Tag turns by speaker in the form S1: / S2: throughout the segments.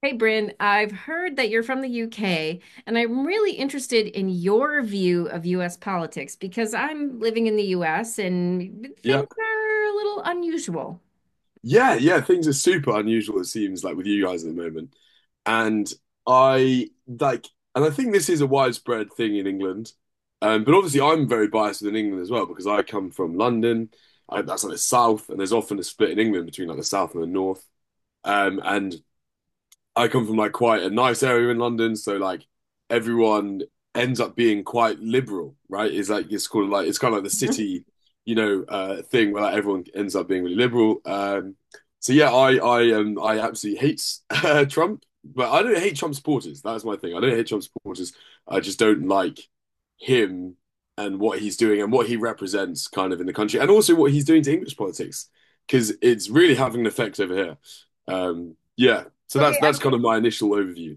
S1: Hey, Bryn, I've heard that you're from the UK, and I'm really interested in your view of US politics because I'm living in the US and
S2: Yeah.
S1: things are a little unusual.
S2: Yeah, yeah, things are super unusual, it seems like with you guys at the moment. And I like and I think this is a widespread thing in England. But obviously I'm very biased within England as well because I come from London. That's like the south, and there's often a split in England between like the south and the north. And I come from like quite a nice area in London, so like everyone ends up being quite liberal, right? It's like it's called like it's kind of like the
S1: Mhm.
S2: city, thing where like everyone ends up being really liberal. So yeah, I absolutely hate Trump, but I don't hate Trump supporters. That's my thing. I don't hate Trump supporters. I just don't like him and what he's doing and what he represents kind of in the country and also what he's doing to English politics because it's really having an effect over here. Yeah, so that's
S1: Okay,
S2: that's
S1: I'm
S2: kind of my initial overview.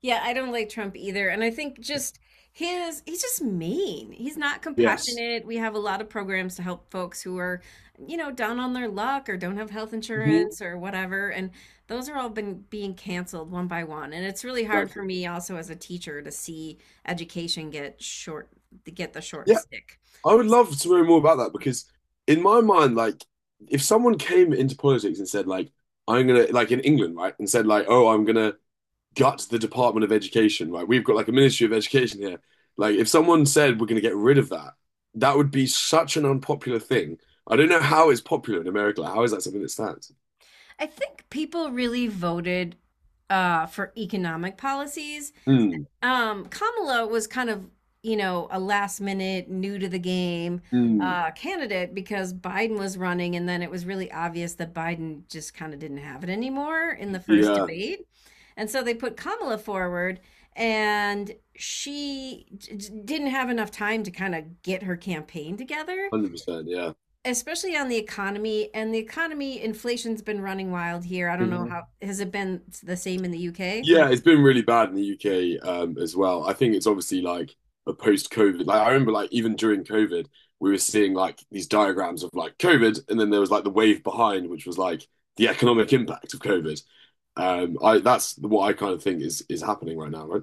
S1: Yeah, I don't like Trump either. And I think he's just mean. He's not
S2: Yes.
S1: compassionate. We have a lot of programs to help folks who are, you know, down on their luck or don't have health
S2: Mhm.
S1: insurance or whatever. And those are all been being canceled one by one. And it's really hard for
S2: Exactly.
S1: me also as a teacher to see education to get the short
S2: Yeah,
S1: stick.
S2: I would love to know more about that because in my mind, like if someone came into politics and said like I'm gonna like in England, right, and said like, oh, I'm gonna gut the Department of Education, right? We've got like a Ministry of Education here. Like if someone said we're gonna get rid of that, that would be such an unpopular thing. I don't know how it's popular in America. Like, how is that something that stands?
S1: I think people really voted for economic policies
S2: Mm,
S1: um Kamala was kind of, you know, a last minute new to the game
S2: mm,
S1: candidate because Biden was running, and then it was really obvious that Biden just kind of didn't have it anymore in the first
S2: yeah,
S1: debate. And so they put Kamala forward, and didn't have enough time to kind of get her campaign together,
S2: 100%, yeah.
S1: especially on the economy. And the economy, inflation's been running wild here. I don't know how, has it been the same in the UK?
S2: Yeah, it's been really bad in the UK as well. I think it's obviously like a post-COVID. Like I remember, like even during COVID, we were seeing like these diagrams of like COVID, and then there was like the wave behind, which was like the economic impact of COVID. I that's what I kind of think is happening right now, right?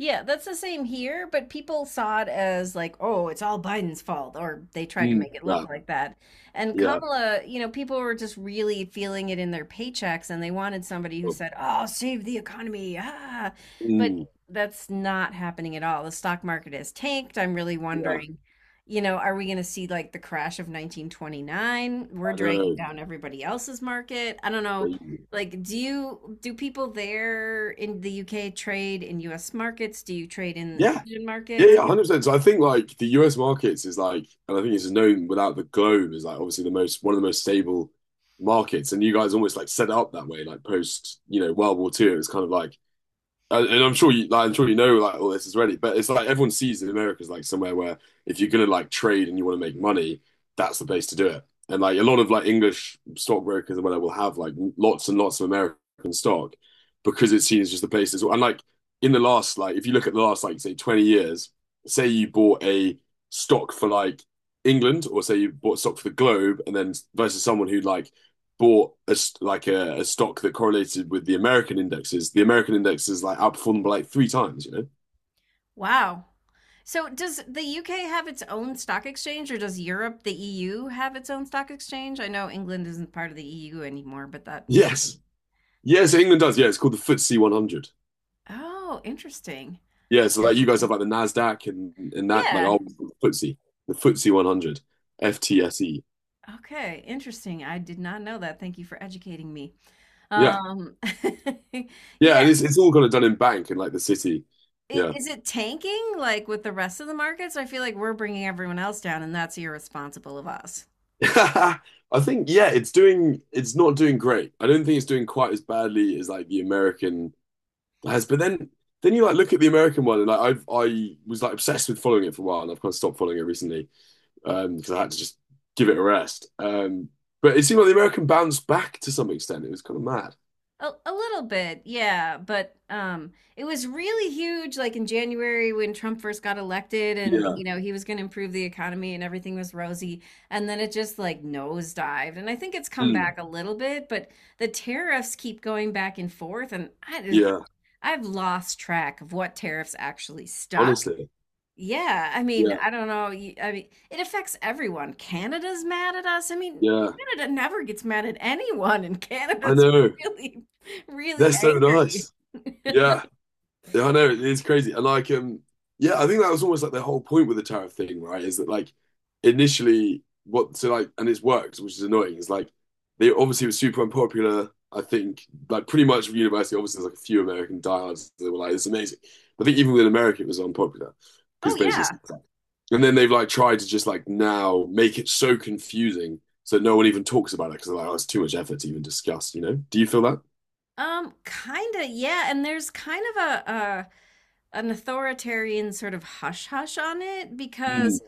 S1: Yeah, that's the same here, but people saw it as like, oh, it's all Biden's fault, or they tried to
S2: Mm,
S1: make it look
S2: yeah,
S1: like that. And
S2: yeah.
S1: Kamala, you know, people were just really feeling it in their paychecks, and they wanted somebody who
S2: Oh.
S1: said, oh, save the economy. Ah. But
S2: Mm,
S1: that's not happening at all. The stock market has tanked. I'm really
S2: yeah.
S1: wondering, you know, are we going to see like the crash of 1929? We're
S2: I
S1: dragging
S2: know.
S1: down everybody else's market. I don't know
S2: Crazy.
S1: like, do people there in the UK trade in US markets? Do you trade in
S2: Yeah,
S1: Asian
S2: yeah,
S1: markets?
S2: yeah, 100%. So I think like the US markets is like, and I think it's known without the globe is like obviously the most one of the most stable markets. And you guys almost like set it up that way, like post, World War II. It was kind of like and I'm sure you know, like all this is already, but it's like everyone sees that America is like somewhere where if you're gonna like trade and you want to make money, that's the place to do it. And like a lot of like English stockbrokers and whatever will have like lots and lots of American stock because it's seen as just the place as well. And like in the last like if you look at the last like say 20 years, say you bought a stock for like England or say you bought stock for the Globe and then versus someone who like bought a stock that correlated with the American indexes like outperformed by like three times, you know?
S1: Wow. So does the UK have its own stock exchange, or does Europe, the EU, have its own stock exchange? I know England isn't part of the EU anymore, but that used to-
S2: Yes. Yes, England does. Yeah, it's called the FTSE 100.
S1: Oh, interesting.
S2: Yeah, so
S1: Okay.
S2: like you guys have like the Nasdaq and that like
S1: Yeah.
S2: oh FTSE, the FTSE 100, FTSE.
S1: Okay, interesting. I did not know that. Thank you for educating me.
S2: Yeah,
S1: Um,
S2: yeah,
S1: yeah,
S2: and it's all kind of done in bank and like the city.
S1: I-
S2: Yeah,
S1: Is it tanking like with the rest of the markets? I feel like we're bringing everyone else down, and that's irresponsible of us.
S2: I think yeah, it's not doing great. I don't think it's doing quite as badly as like the American has, but then you like look at the American one, and like I was like obsessed with following it for a while, and I've kind of stopped following it recently because I had to just give it a rest. But it seemed like the American bounced back to some extent. It was kind of mad.
S1: A little bit, yeah, but it was really huge, like in January when Trump first got elected, and
S2: Yeah.
S1: you know he was going to improve the economy and everything was rosy, and then it just like nosedived. And I think it's come
S2: Mm.
S1: back a little bit, but the tariffs keep going back and forth, and
S2: Yeah.
S1: I've lost track of what tariffs actually stop.
S2: Honestly.
S1: Yeah, I mean,
S2: Yeah.
S1: I don't know. I mean, it affects everyone. Canada's mad at us. I mean,
S2: Yeah.
S1: Canada never gets mad at anyone, and
S2: I
S1: Canada's
S2: know.
S1: really,
S2: They're
S1: really
S2: so
S1: angry.
S2: nice. Yeah. Yeah, I know it is crazy, and like, yeah, I think that was almost like the whole point with the tariff thing, right? Is that like initially what so like, and it's worked, which is annoying. Is like they obviously were super unpopular. I think like pretty much from university, obviously there's like a few American diehards that were like, "It's amazing." But I think even within America, it was unpopular because
S1: Oh
S2: basically,
S1: yeah.
S2: and then they've like tried to just like now make it so confusing so that no one even talks about it because they're like, "Oh, it's too much effort to even discuss." You know? Do you feel that?
S1: Kinda, yeah. And there's kind of an authoritarian sort of hush hush on it
S2: Mm,
S1: because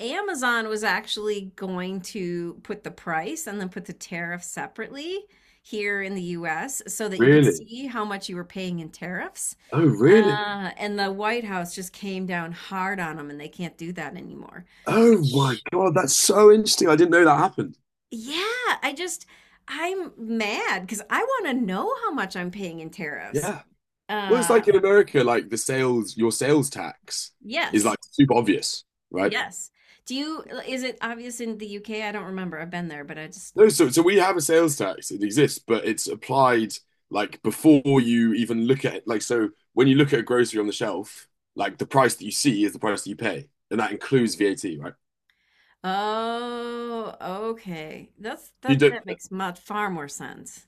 S1: Amazon was actually going to put the price and then put the tariff separately here in the US so that you could
S2: really?
S1: see how much you were paying in tariffs.
S2: Oh, really?
S1: And the White House just came down hard on them, and they can't do that anymore.
S2: Oh my
S1: Which,
S2: God, that's so interesting. I didn't know that happened.
S1: yeah, I'm mad because I want to know how much I'm paying in tariffs.
S2: Yeah. Well, it's
S1: Uh,
S2: like in America, like your sales tax is
S1: yes,
S2: like super obvious, right?
S1: yes. Do you, is it obvious in the UK? I don't remember. I've been there, but
S2: No, so we have a sales tax. It exists, but it's applied like before you even look at it. Like so when you look at a grocery on the shelf, like the price that you see is the price that you pay. And that includes VAT, right?
S1: oh, okay.
S2: You don't
S1: That makes far more sense.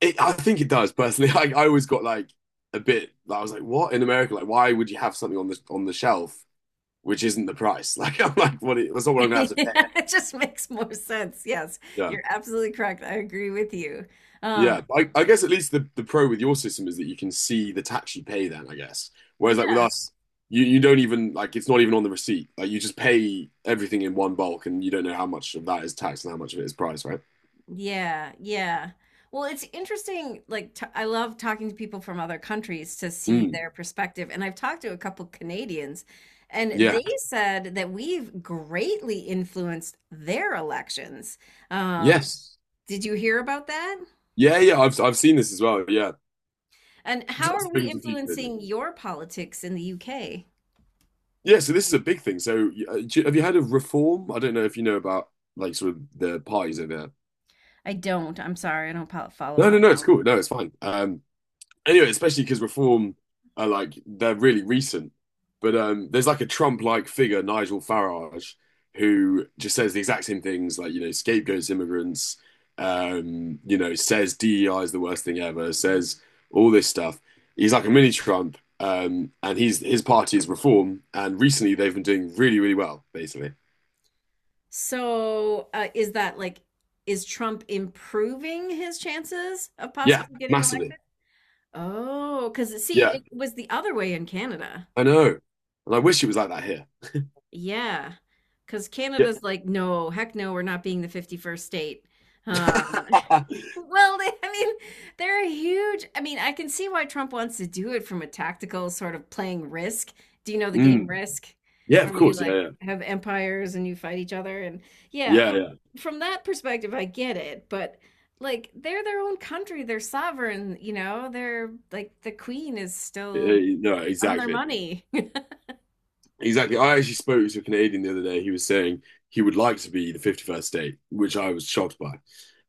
S2: it, I think it does personally. Like I always got like a bit like, I was like, what in America? Like why would you have something on the shelf which isn't the price. Like I'm like, what? That's not what I'm gonna have
S1: Yeah,
S2: to pay.
S1: it just makes more sense. Yes,
S2: Yeah,
S1: you're absolutely correct. I agree with you. Um,
S2: yeah. I guess at least the pro with your system is that you can see the tax you pay. Then I guess,
S1: I
S2: whereas like with
S1: guess.
S2: us, you don't even like it's not even on the receipt. Like you just pay everything in one bulk, and you don't know how much of that is tax and how much of it is price, right?
S1: Yeah, yeah. Well, it's interesting. Like, t I love talking to people from other countries to see
S2: Mm,
S1: their perspective. And I've talked to a couple Canadians, and
S2: yeah.
S1: they said that we've greatly influenced their elections. Um,
S2: Yes.
S1: did you hear about that?
S2: Yeah. Yeah. I've seen this as well. Yeah.
S1: And
S2: 'Cause
S1: how
S2: I
S1: are
S2: was
S1: we
S2: speaking to a few Canadians.
S1: influencing your politics in the UK?
S2: Yeah. So this is a big thing. So have you heard of reform? I don't know if you know about like sort of the parties over there.
S1: I don't. I'm sorry. I don't pol follow
S2: No, no, no.
S1: politics.
S2: It's cool. No, it's fine. Anyway, especially because reform are like they're really recent. But there's like a Trump-like figure, Nigel Farage, who just says the exact same things, like you know, scapegoats immigrants, says DEI is the worst thing ever, says all this stuff. He's like a mini Trump, and he's his party is Reform, and recently they've been doing really, really well, basically.
S1: So, is that like, is Trump improving his chances of
S2: Yeah,
S1: possibly getting
S2: massively.
S1: elected? Oh, because see,
S2: Yeah,
S1: it was the other way in Canada.
S2: I know, and I wish it was like that here.
S1: Yeah. Because
S2: Yeah.
S1: Canada's like, no, heck no, we're not being the 51st state. Um, Well, I mean, they're a huge. I mean, I can see why Trump wants to do it from a tactical sort of playing Risk. Do you know the game
S2: Mm.
S1: Risk,
S2: Yeah, of
S1: where you
S2: course. Yeah,
S1: like
S2: yeah,
S1: have empires and you fight each other? And yeah,
S2: yeah, yeah.
S1: from that perspective, I get it. But like, they're their own country. They're sovereign. You know, they're like the queen is still
S2: No,
S1: on their
S2: exactly.
S1: money.
S2: Exactly. I actually spoke to a Canadian the other day. He was saying he would like to be the 51st state, which I was shocked by.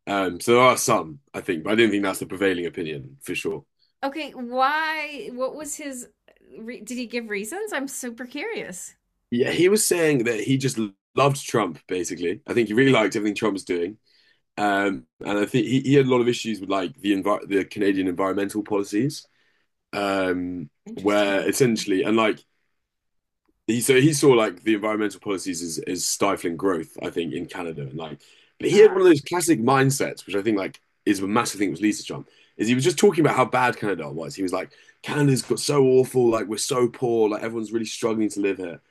S2: So there are some, I think, but I do not think that's the prevailing opinion for sure.
S1: Okay, why? What was his? Did he give reasons? I'm super curious.
S2: Yeah, he was saying that he just loved Trump, basically. I think he really liked everything Trump was doing. And I think he had a lot of issues with like the Canadian environmental policies, um, where
S1: Interesting.
S2: essentially, and like he saw like the environmental policies as stifling growth, I think, in Canada. And like but he had one of those classic mindsets, which I think like is a massive thing with Lisa Trump, is he was just talking about how bad Canada was. He was like, Canada's got so awful, like we're so poor, like everyone's really struggling to live here.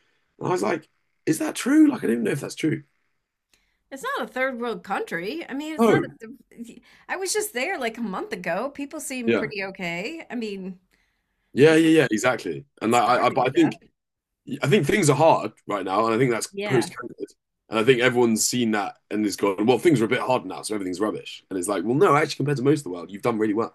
S2: And I was like, is that true? Like I don't even know if that's true.
S1: It's not a third world country. I mean, it's not
S2: Oh,
S1: a, I was just there like a month ago. People seem
S2: yeah.
S1: pretty okay. I mean,
S2: Yeah,
S1: they were
S2: yeah, yeah, exactly. And like
S1: starving to
S2: I
S1: death.
S2: think things are hard right now, and I think that's
S1: Yeah.
S2: post-COVID. And I think everyone's seen that and has gone, well, things are a bit hard now, so everything's rubbish. And it's like, well, no, actually, compared to most of the world, you've done really well.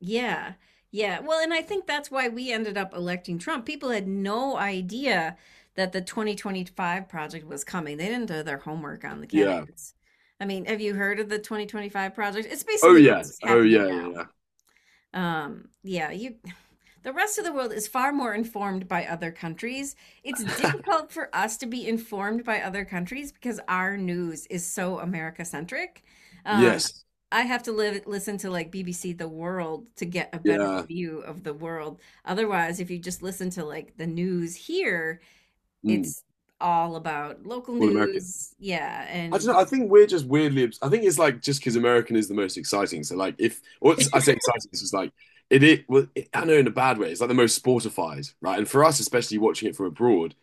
S1: Yeah. Yeah. Well, and I think that's why we ended up electing Trump. People had no idea that the 2025 project was coming. They didn't do their homework on the
S2: Yeah.
S1: candidates. I mean, have you heard of the 2025 project? It's
S2: Oh
S1: basically
S2: yeah.
S1: what's
S2: Oh
S1: happening
S2: yeah. Yeah.
S1: now.
S2: Yeah.
S1: Yeah, you the rest of the world is far more informed by other countries. It's difficult for us to be informed by other countries because our news is so America centric. Um,
S2: Yes.
S1: I have to listen to like BBC The World to get a better
S2: Yeah.
S1: view of the world. Otherwise, if you just listen to like the news here,
S2: Mm.
S1: it's all about local
S2: All American.
S1: news. Yeah.
S2: I don't
S1: And
S2: know. I
S1: just,
S2: think we're just weirdly. I think it's like just because American is the most exciting. So like, if or it's- I say exciting, it's just like it. I know in a bad way. It's like the most sportified, right? And for us, especially watching it from abroad,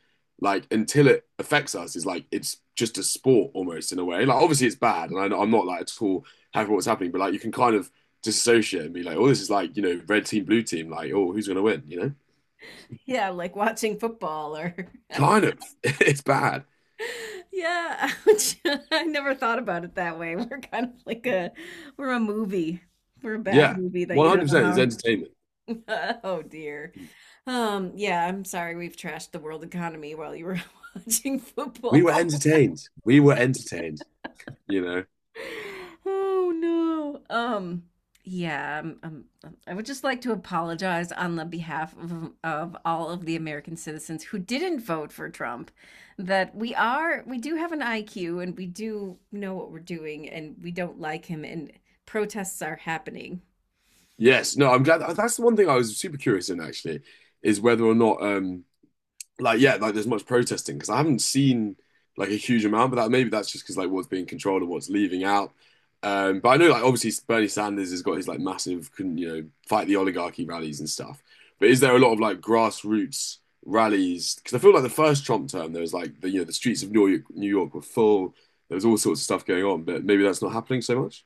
S2: like until it affects us, is like it's just a sport almost in a way. Like obviously it's bad, and I'm not like at all happy with what's happening. But like you can kind of disassociate and be like, oh, this is like red team, blue team. Like oh, who's gonna win? You know,
S1: yeah, like watching football or
S2: kind of. It's bad.
S1: yeah, ouch. I never thought about it that way. We're kind of like a we're a movie. We're a bad
S2: Yeah,
S1: movie that you don't know
S2: 100%. It's
S1: how.
S2: entertainment.
S1: Oh dear. Yeah, I'm sorry we've trashed the world economy while you were watching
S2: We were
S1: football.
S2: entertained. We were entertained. you know.
S1: Oh no. Yeah, I would just like to apologize on the behalf of all of the American citizens who didn't vote for Trump, that we do have an IQ, and we do know what we're doing, and we don't like him, and protests are happening.
S2: Yes, no, I'm glad that's the one thing I was super curious in actually, is whether or not like yeah, like there's much protesting because I haven't seen like a huge amount, but that maybe that's just because like what's being controlled and what's leaving out. But I know like obviously Bernie Sanders has got his like massive can you know fight the oligarchy rallies and stuff. But is there a lot of like grassroots rallies? Because I feel like the first Trump term there was like the you know the streets of New York were full. There was all sorts of stuff going on, but maybe that's not happening so much.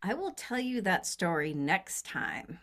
S1: I will tell you that story next time.